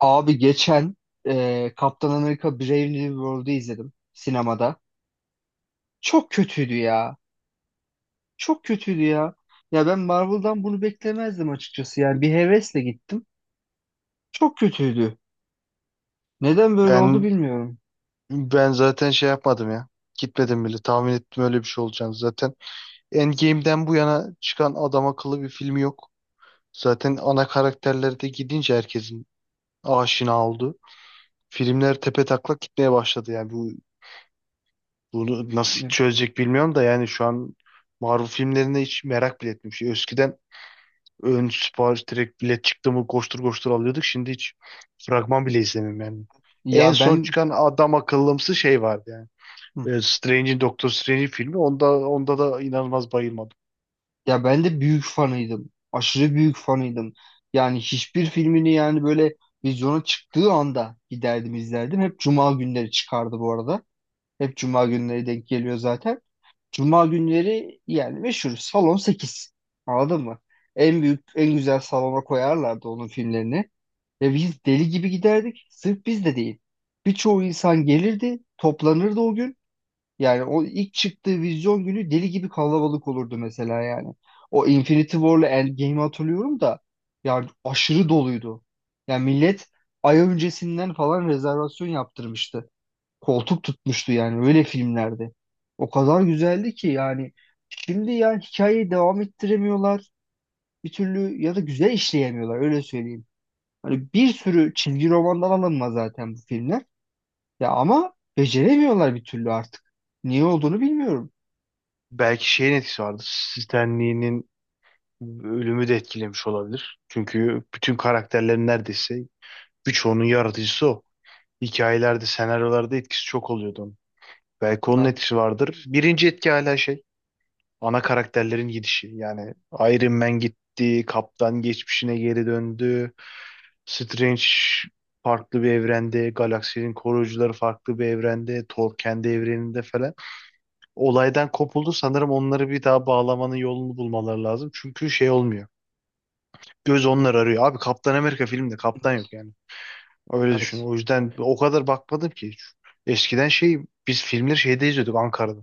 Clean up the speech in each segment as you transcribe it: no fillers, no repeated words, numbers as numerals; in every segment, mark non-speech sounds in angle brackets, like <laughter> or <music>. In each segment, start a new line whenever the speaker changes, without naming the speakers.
Abi geçen Kaptan Amerika Brave New World'u izledim sinemada. Çok kötüydü ya. Çok kötüydü ya. Ya ben Marvel'dan bunu beklemezdim açıkçası. Yani bir hevesle gittim. Çok kötüydü. Neden böyle oldu
Ben
bilmiyorum.
ben zaten şey yapmadım ya. Gitmedim bile. Tahmin ettim öyle bir şey olacağını zaten. Endgame'den bu yana çıkan adam akıllı bir film yok. Zaten ana karakterler de gidince herkesin aşina oldu. Filmler tepetaklak gitmeye başladı yani. Bunu nasıl çözecek bilmiyorum da yani şu an Marvel filmlerine hiç merak bile etmiyorum. Şey, eskiden ön sipariş direkt bilet çıktı mı koştur koştur alıyorduk. Şimdi hiç fragman bile izlemiyorum yani. En
Ya
son
ben
çıkan adam akıllımsı şey vardı yani.
Hı.
Strange'in Doctor Strange'in filmi onda da inanılmaz bayılmadım.
Ya ben de büyük fanıydım. Aşırı büyük fanıydım. Yani hiçbir filmini yani böyle vizyona çıktığı anda giderdim izlerdim. Hep cuma günleri çıkardı bu arada. Hep cuma günleri denk geliyor zaten. Cuma günleri yani meşhur salon 8. Anladın mı? En büyük, en güzel salona koyarlardı onun filmlerini. Ve biz deli gibi giderdik. Sırf biz de değil. Birçoğu insan gelirdi, toplanırdı o gün. Yani o ilk çıktığı vizyon günü deli gibi kalabalık olurdu mesela yani. O Infinity War'la Endgame'i hatırlıyorum da yani aşırı doluydu. Yani millet ay öncesinden falan rezervasyon yaptırmıştı koltuk tutmuştu yani öyle filmlerde. O kadar güzeldi ki yani şimdi yani hikayeyi devam ettiremiyorlar bir türlü ya da güzel işleyemiyorlar öyle söyleyeyim. Hani bir sürü çizgi romandan alınma zaten bu filmler. Ya ama beceremiyorlar bir türlü artık. Niye olduğunu bilmiyorum.
Belki şeyin etkisi vardır. Stan Lee'nin ölümü de etkilemiş olabilir. Çünkü bütün karakterlerin neredeyse birçoğunun yaratıcısı o. Hikayelerde, senaryolarda etkisi çok oluyordu onun. Belki onun
Heh,
etkisi vardır. Birinci etki hala şey, ana karakterlerin gidişi. Yani Iron Man gitti, Kaptan geçmişine geri döndü. Strange farklı bir evrende, galaksinin koruyucuları farklı bir evrende, Thor kendi evreninde falan. Olaydan kopuldu, sanırım onları bir daha bağlamanın yolunu bulmaları lazım. Çünkü şey olmuyor. Göz onlar arıyor. Abi Kaptan Amerika filmde kaptan yok yani. Öyle düşün.
evet.
O yüzden o kadar bakmadım ki hiç. Eskiden şey, biz filmleri şeyde izliyorduk, Ankara'da.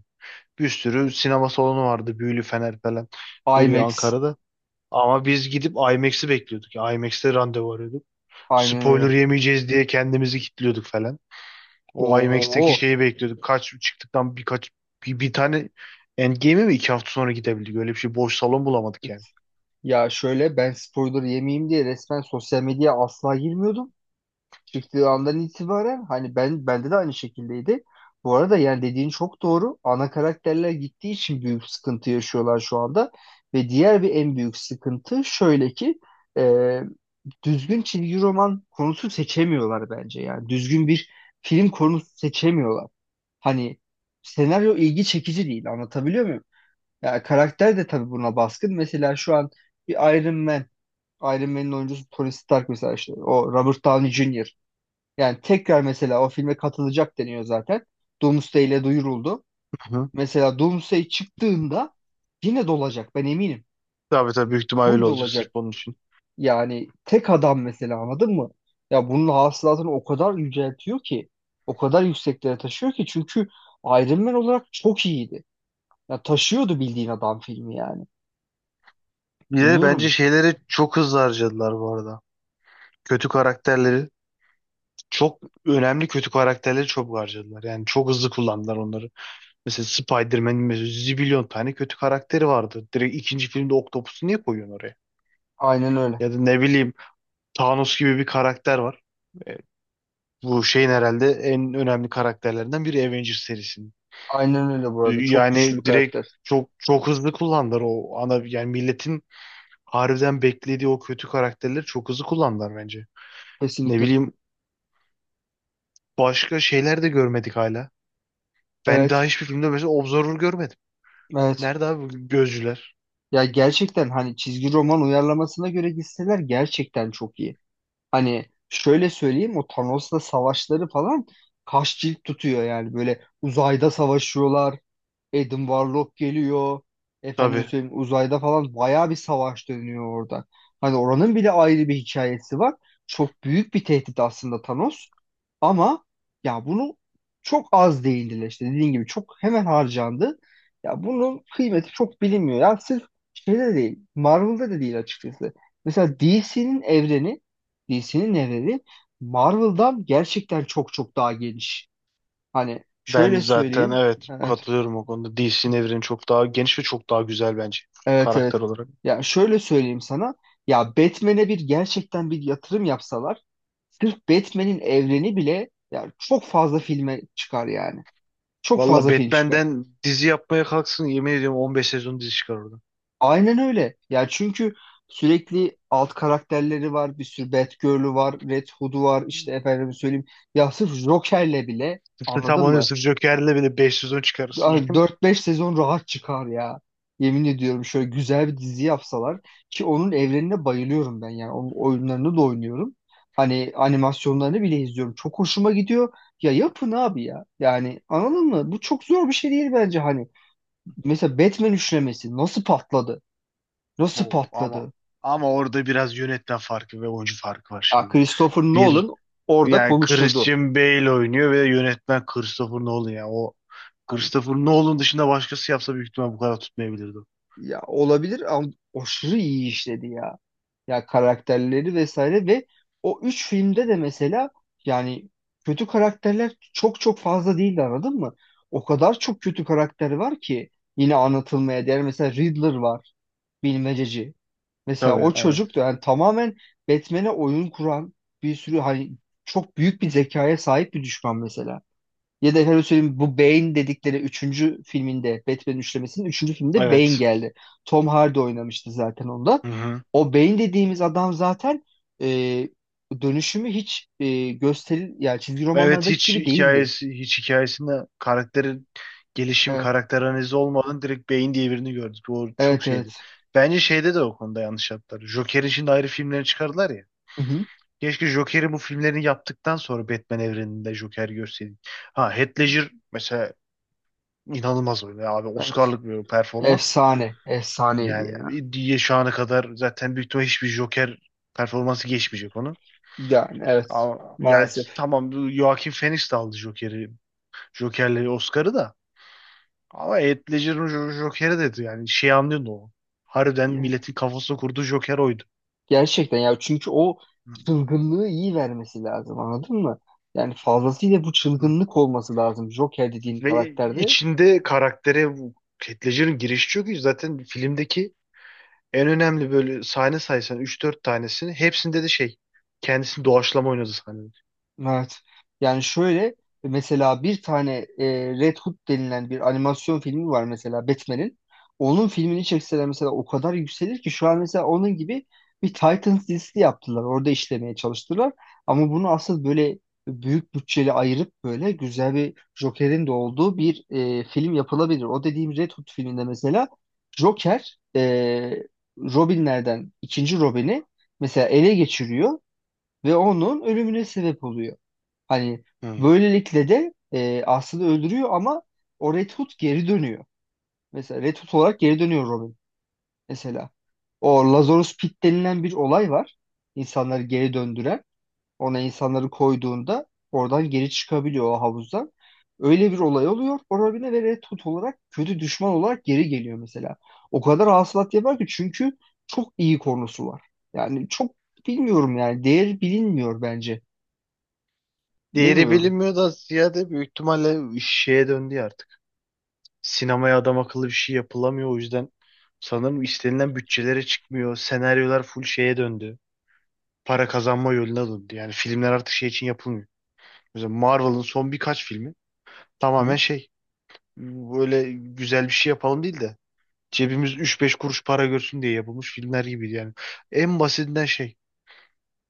Bir sürü sinema salonu vardı. Büyülü Fener falan. Böyle
IMAX.
Ankara'da. Ama biz gidip IMAX'i bekliyorduk. IMAX'te randevu arıyorduk.
Aynen
Spoiler
öyle.
yemeyeceğiz diye kendimizi kilitliyorduk falan. O
Oo.
IMAX'teki şeyi bekliyorduk. Kaç çıktıktan birkaç bir tane Endgame'e mi iki hafta sonra gidebildik? Öyle bir şey, boş salon bulamadık yani.
Ya şöyle ben spoiler yemeyeyim diye resmen sosyal medyaya asla girmiyordum. Çıktığı andan itibaren hani bende de aynı şekildeydi. Bu arada yani dediğin çok doğru. Ana karakterler gittiği için büyük sıkıntı yaşıyorlar şu anda. Ve diğer bir en büyük sıkıntı şöyle ki e, düzgün çizgi roman konusu seçemiyorlar bence. Yani düzgün bir film konusu seçemiyorlar. Hani senaryo ilgi çekici değil anlatabiliyor muyum? Yani karakter de tabii buna baskın. Mesela şu an bir Iron Man, Iron Man'in oyuncusu Tony Stark mesela işte o Robert Downey Jr. Yani tekrar mesela o filme katılacak deniyor zaten. Doomsday ile duyuruldu.
Hı hı.
Mesela Doomsday çıktığında yine dolacak ben eminim.
Tabii tabii, büyük ihtimal
Full
öyle olacak sırf
dolacak.
onun için.
Yani tek adam mesela anladın mı? Ya bunun hasılatını o kadar yüceltiyor ki. O kadar yükseklere taşıyor ki. Çünkü Iron Man olarak çok iyiydi. Ya taşıyordu bildiğin adam filmi yani.
Bir de bence
Bilmiyorum.
şeyleri çok hızlı harcadılar bu arada. Kötü karakterleri çok, önemli kötü karakterleri çok harcadılar. Yani çok hızlı kullandılar onları. Mesela Spider-Man'in mesela zibilyon tane kötü karakteri vardı. Direkt ikinci filmde Octopus'u niye koyuyorsun oraya?
Aynen öyle.
Ya da ne bileyim, Thanos gibi bir karakter var. E, Bu şeyin herhalde en önemli karakterlerinden biri Avengers serisinin.
Aynen öyle bu
E,
arada. Çok güçlü bir
Yani direkt
karakter.
çok çok hızlı kullandılar, o ana yani milletin harbiden beklediği o kötü karakterleri çok hızlı kullandılar bence. Ne
Kesinlikle.
bileyim, başka şeyler de görmedik hala. Ben daha
Evet.
hiçbir filmde mesela Observer görmedim.
Evet.
Nerede abi bu gözcüler?
Ya gerçekten hani çizgi roman uyarlamasına göre gitseler gerçekten çok iyi. Hani şöyle söyleyeyim o Thanos'la savaşları falan kaç cilt tutuyor yani böyle uzayda savaşıyorlar. Adam Warlock geliyor. Efendim
Tabii.
söyleyeyim uzayda falan bayağı bir savaş dönüyor orada. Hani oranın bile ayrı bir hikayesi var. Çok büyük bir tehdit aslında Thanos. Ama ya bunu çok az değindiler işte dediğin gibi çok hemen harcandı. Ya bunun kıymeti çok bilinmiyor. Ya sırf şeyde de değil, Marvel'da da değil açıkçası. Mesela DC'nin evreni Marvel'dan gerçekten çok çok daha geniş. Hani
Ben
şöyle
zaten,
söyleyeyim.
evet, katılıyorum o konuda. DC'nin evreni çok daha geniş ve çok daha güzel bence
Evet
karakter
evet.
olarak.
Ya şöyle söyleyeyim sana. Ya Batman'e bir gerçekten bir yatırım yapsalar sırf Batman'in evreni bile ya çok fazla filme çıkar yani. Çok
Valla
fazla film çıkar.
Batman'den dizi yapmaya kalksın, yemin ediyorum 15 sezon dizi çıkar orada.
Aynen öyle. Ya çünkü sürekli alt karakterleri var. Bir sürü Batgirl'ü var. Red Hood'u var. İşte efendim söyleyeyim. Ya sırf Joker'le bile
Tıpkı tam
anladın
onun,
mı?
sırf Joker'le bile 5 sezon çıkarırsın yani. <laughs>
Dört beş sezon rahat çıkar ya. Yemin ediyorum şöyle güzel bir dizi yapsalar ki onun evrenine bayılıyorum ben yani onun oyunlarını da oynuyorum. Hani animasyonlarını bile izliyorum. Çok hoşuma gidiyor. Ya yapın abi ya. Yani anladın mı? Bu çok zor bir şey değil bence hani. Mesela Batman üçlemesi nasıl patladı? Nasıl
Oo, ama
patladı?
ama orada biraz yönetmen farkı ve oyuncu farkı var
Ya
şimdi.
Christopher
Bir,
Nolan orada
yani
konuşturdu.
Christian Bale oynuyor ve yönetmen Christopher Nolan ya. O
Hani
Christopher Nolan dışında başkası yapsa büyük ihtimal bu kadar tutmayabilirdi.
ya olabilir ama aşırı iyi işledi ya. Ya karakterleri vesaire ve o üç filmde de mesela yani kötü karakterler çok çok fazla değildi anladın mı? O kadar çok kötü karakter var ki yine anlatılmaya değer. Mesela Riddler var, bilmececi. Mesela
Tabii,
o
aynen.
çocuk da yani tamamen Batman'e oyun kuran bir sürü hani çok büyük bir zekaya sahip bir düşman mesela. Ya da efendim söyleyeyim bu Bane dedikleri üçüncü filminde Batman üçlemesinin üçüncü filminde Bane
Evet.
geldi. Tom Hardy oynamıştı zaten onda.
Hı hı.
O Bane dediğimiz adam zaten e, dönüşümü hiç e, gösteril yani çizgi
Evet,
romanlardaki
hiç
gibi değildi.
hikayesi, hiç hikayesinde karakterin gelişimi,
Evet,
karakter analizi olmadan direkt beyin diye birini gördük. O çok
evet, evet.
şeydi. Bence şeyde de o konuda yanlış yaptılar. Joker'in şimdi ayrı filmlerini çıkardılar ya.
Hı hı,
Keşke Joker'i, bu filmlerini yaptıktan sonra Batman evreninde Joker görseydik. Ha, Heath Ledger mesela inanılmaz oynadı abi.
evet.
Oscar'lık bir performans.
Efsane, efsaneydi ya.
Yani diye şu ana kadar zaten büyük ihtimalle hiçbir Joker performansı geçmeyecek onu.
Yani evet,
Ama yani
maalesef.
tamam, Joaquin Phoenix de aldı Joker'i, Joker'le Oscar'ı da. Ama Heath Ledger'ın Joker'i dedi yani, şey anlıyorsun o. Harbiden milletin kafasına kurduğu Joker oydu.
Gerçekten ya çünkü o
Hı
çılgınlığı iyi vermesi lazım anladın mı? Yani fazlasıyla bu
hı.
çılgınlık olması lazım Joker dediğin
Ve
karakterde.
içinde karaktere bu Heath Ledger'ın girişi çok iyi. Zaten filmdeki en önemli böyle sahne saysan üç dört tanesini, hepsinde de şey, kendisini doğaçlama oynadı sahnede.
Evet. Yani şöyle mesela bir tane Red Hood denilen bir animasyon filmi var mesela Batman'in. Onun filmini çekseler mesela o kadar yükselir ki şu an mesela onun gibi bir Titans dizisi yaptılar. Orada işlemeye çalıştılar. Ama bunu asıl böyle büyük bütçeli ayırıp böyle güzel bir Joker'in de olduğu bir film yapılabilir. O dediğim Red Hood filminde mesela Joker Robinlerden ikinci Robin'i mesela ele geçiriyor ve onun ölümüne sebep oluyor. Hani
Hı.
böylelikle de Aslı'yı öldürüyor ama o Red Hood geri dönüyor. Mesela Red Hood olarak geri dönüyor Robin mesela. O Lazarus Pit denilen bir olay var. İnsanları geri döndüren. Ona insanları koyduğunda oradan geri çıkabiliyor o havuzdan. Öyle bir olay oluyor. O Robin'e ve Red Hood olarak kötü düşman olarak geri geliyor mesela. O kadar hasılat yapar ki çünkü çok iyi konusu var. Yani çok bilmiyorum yani. Değeri bilinmiyor bence.
Değeri
Bilemiyorum.
bilinmiyor da ziyade büyük ihtimalle şeye döndü ya artık. Sinemaya adam akıllı bir şey yapılamıyor. O yüzden sanırım istenilen bütçelere çıkmıyor. Senaryolar full şeye döndü, para kazanma yoluna döndü. Yani filmler artık şey için yapılmıyor. Mesela Marvel'ın son birkaç filmi
Hı
tamamen
hı.
şey, böyle güzel bir şey yapalım değil de cebimiz üç beş kuruş para görsün diye yapılmış filmler gibiydi yani. En basitinden şey,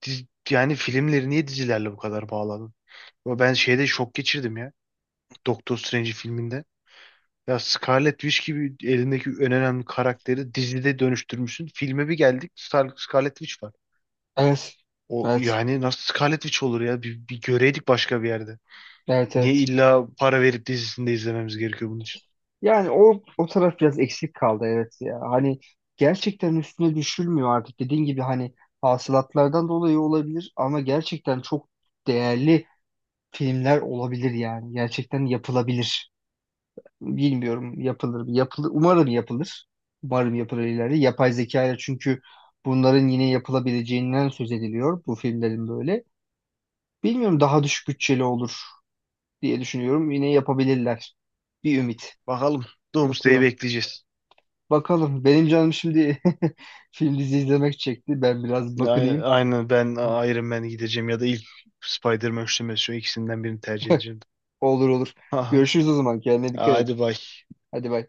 yani filmleri niye dizilerle bu kadar bağladın? Ama ben şeyde şok geçirdim ya, Doctor Strange filminde. Ya Scarlet Witch gibi elindeki en önemli karakteri dizide dönüştürmüşsün. Filme bir geldik, Star Scarlet Witch var.
Evet.
O
Evet.
yani nasıl Scarlet Witch olur ya? Bir göreydik başka bir yerde.
Evet
Niye
evet.
illa para verip dizisinde izlememiz gerekiyor bunun için?
Yani o taraf biraz eksik kaldı evet ya. Hani gerçekten üstüne düşülmüyor artık. Dediğin gibi hani hasılatlardan dolayı olabilir ama gerçekten çok değerli filmler olabilir yani. Gerçekten yapılabilir. Bilmiyorum yapılır mı? Yapılır. Umarım yapılır. Umarım yapılır ileride. Yapay zeka ile çünkü bunların yine yapılabileceğinden söz ediliyor bu filmlerin böyle. Bilmiyorum daha düşük bütçeli olur diye düşünüyorum. Yine yapabilirler. Bir ümit.
Bakalım. Doomsday'i
Bakıyorum.
bekleyeceğiz.
Bakalım. Benim canım şimdi <laughs> film dizi izlemek çekti. Ben biraz
Aynen,
bakınayım.
aynen, ben Iron Man'e gideceğim ya da ilk Spider-Man üçlemesi, şu ikisinden birini tercih edeceğim.
Olur olur.
Aha.
Görüşürüz o zaman. Kendine dikkat et.
Hadi bay.
Hadi bay.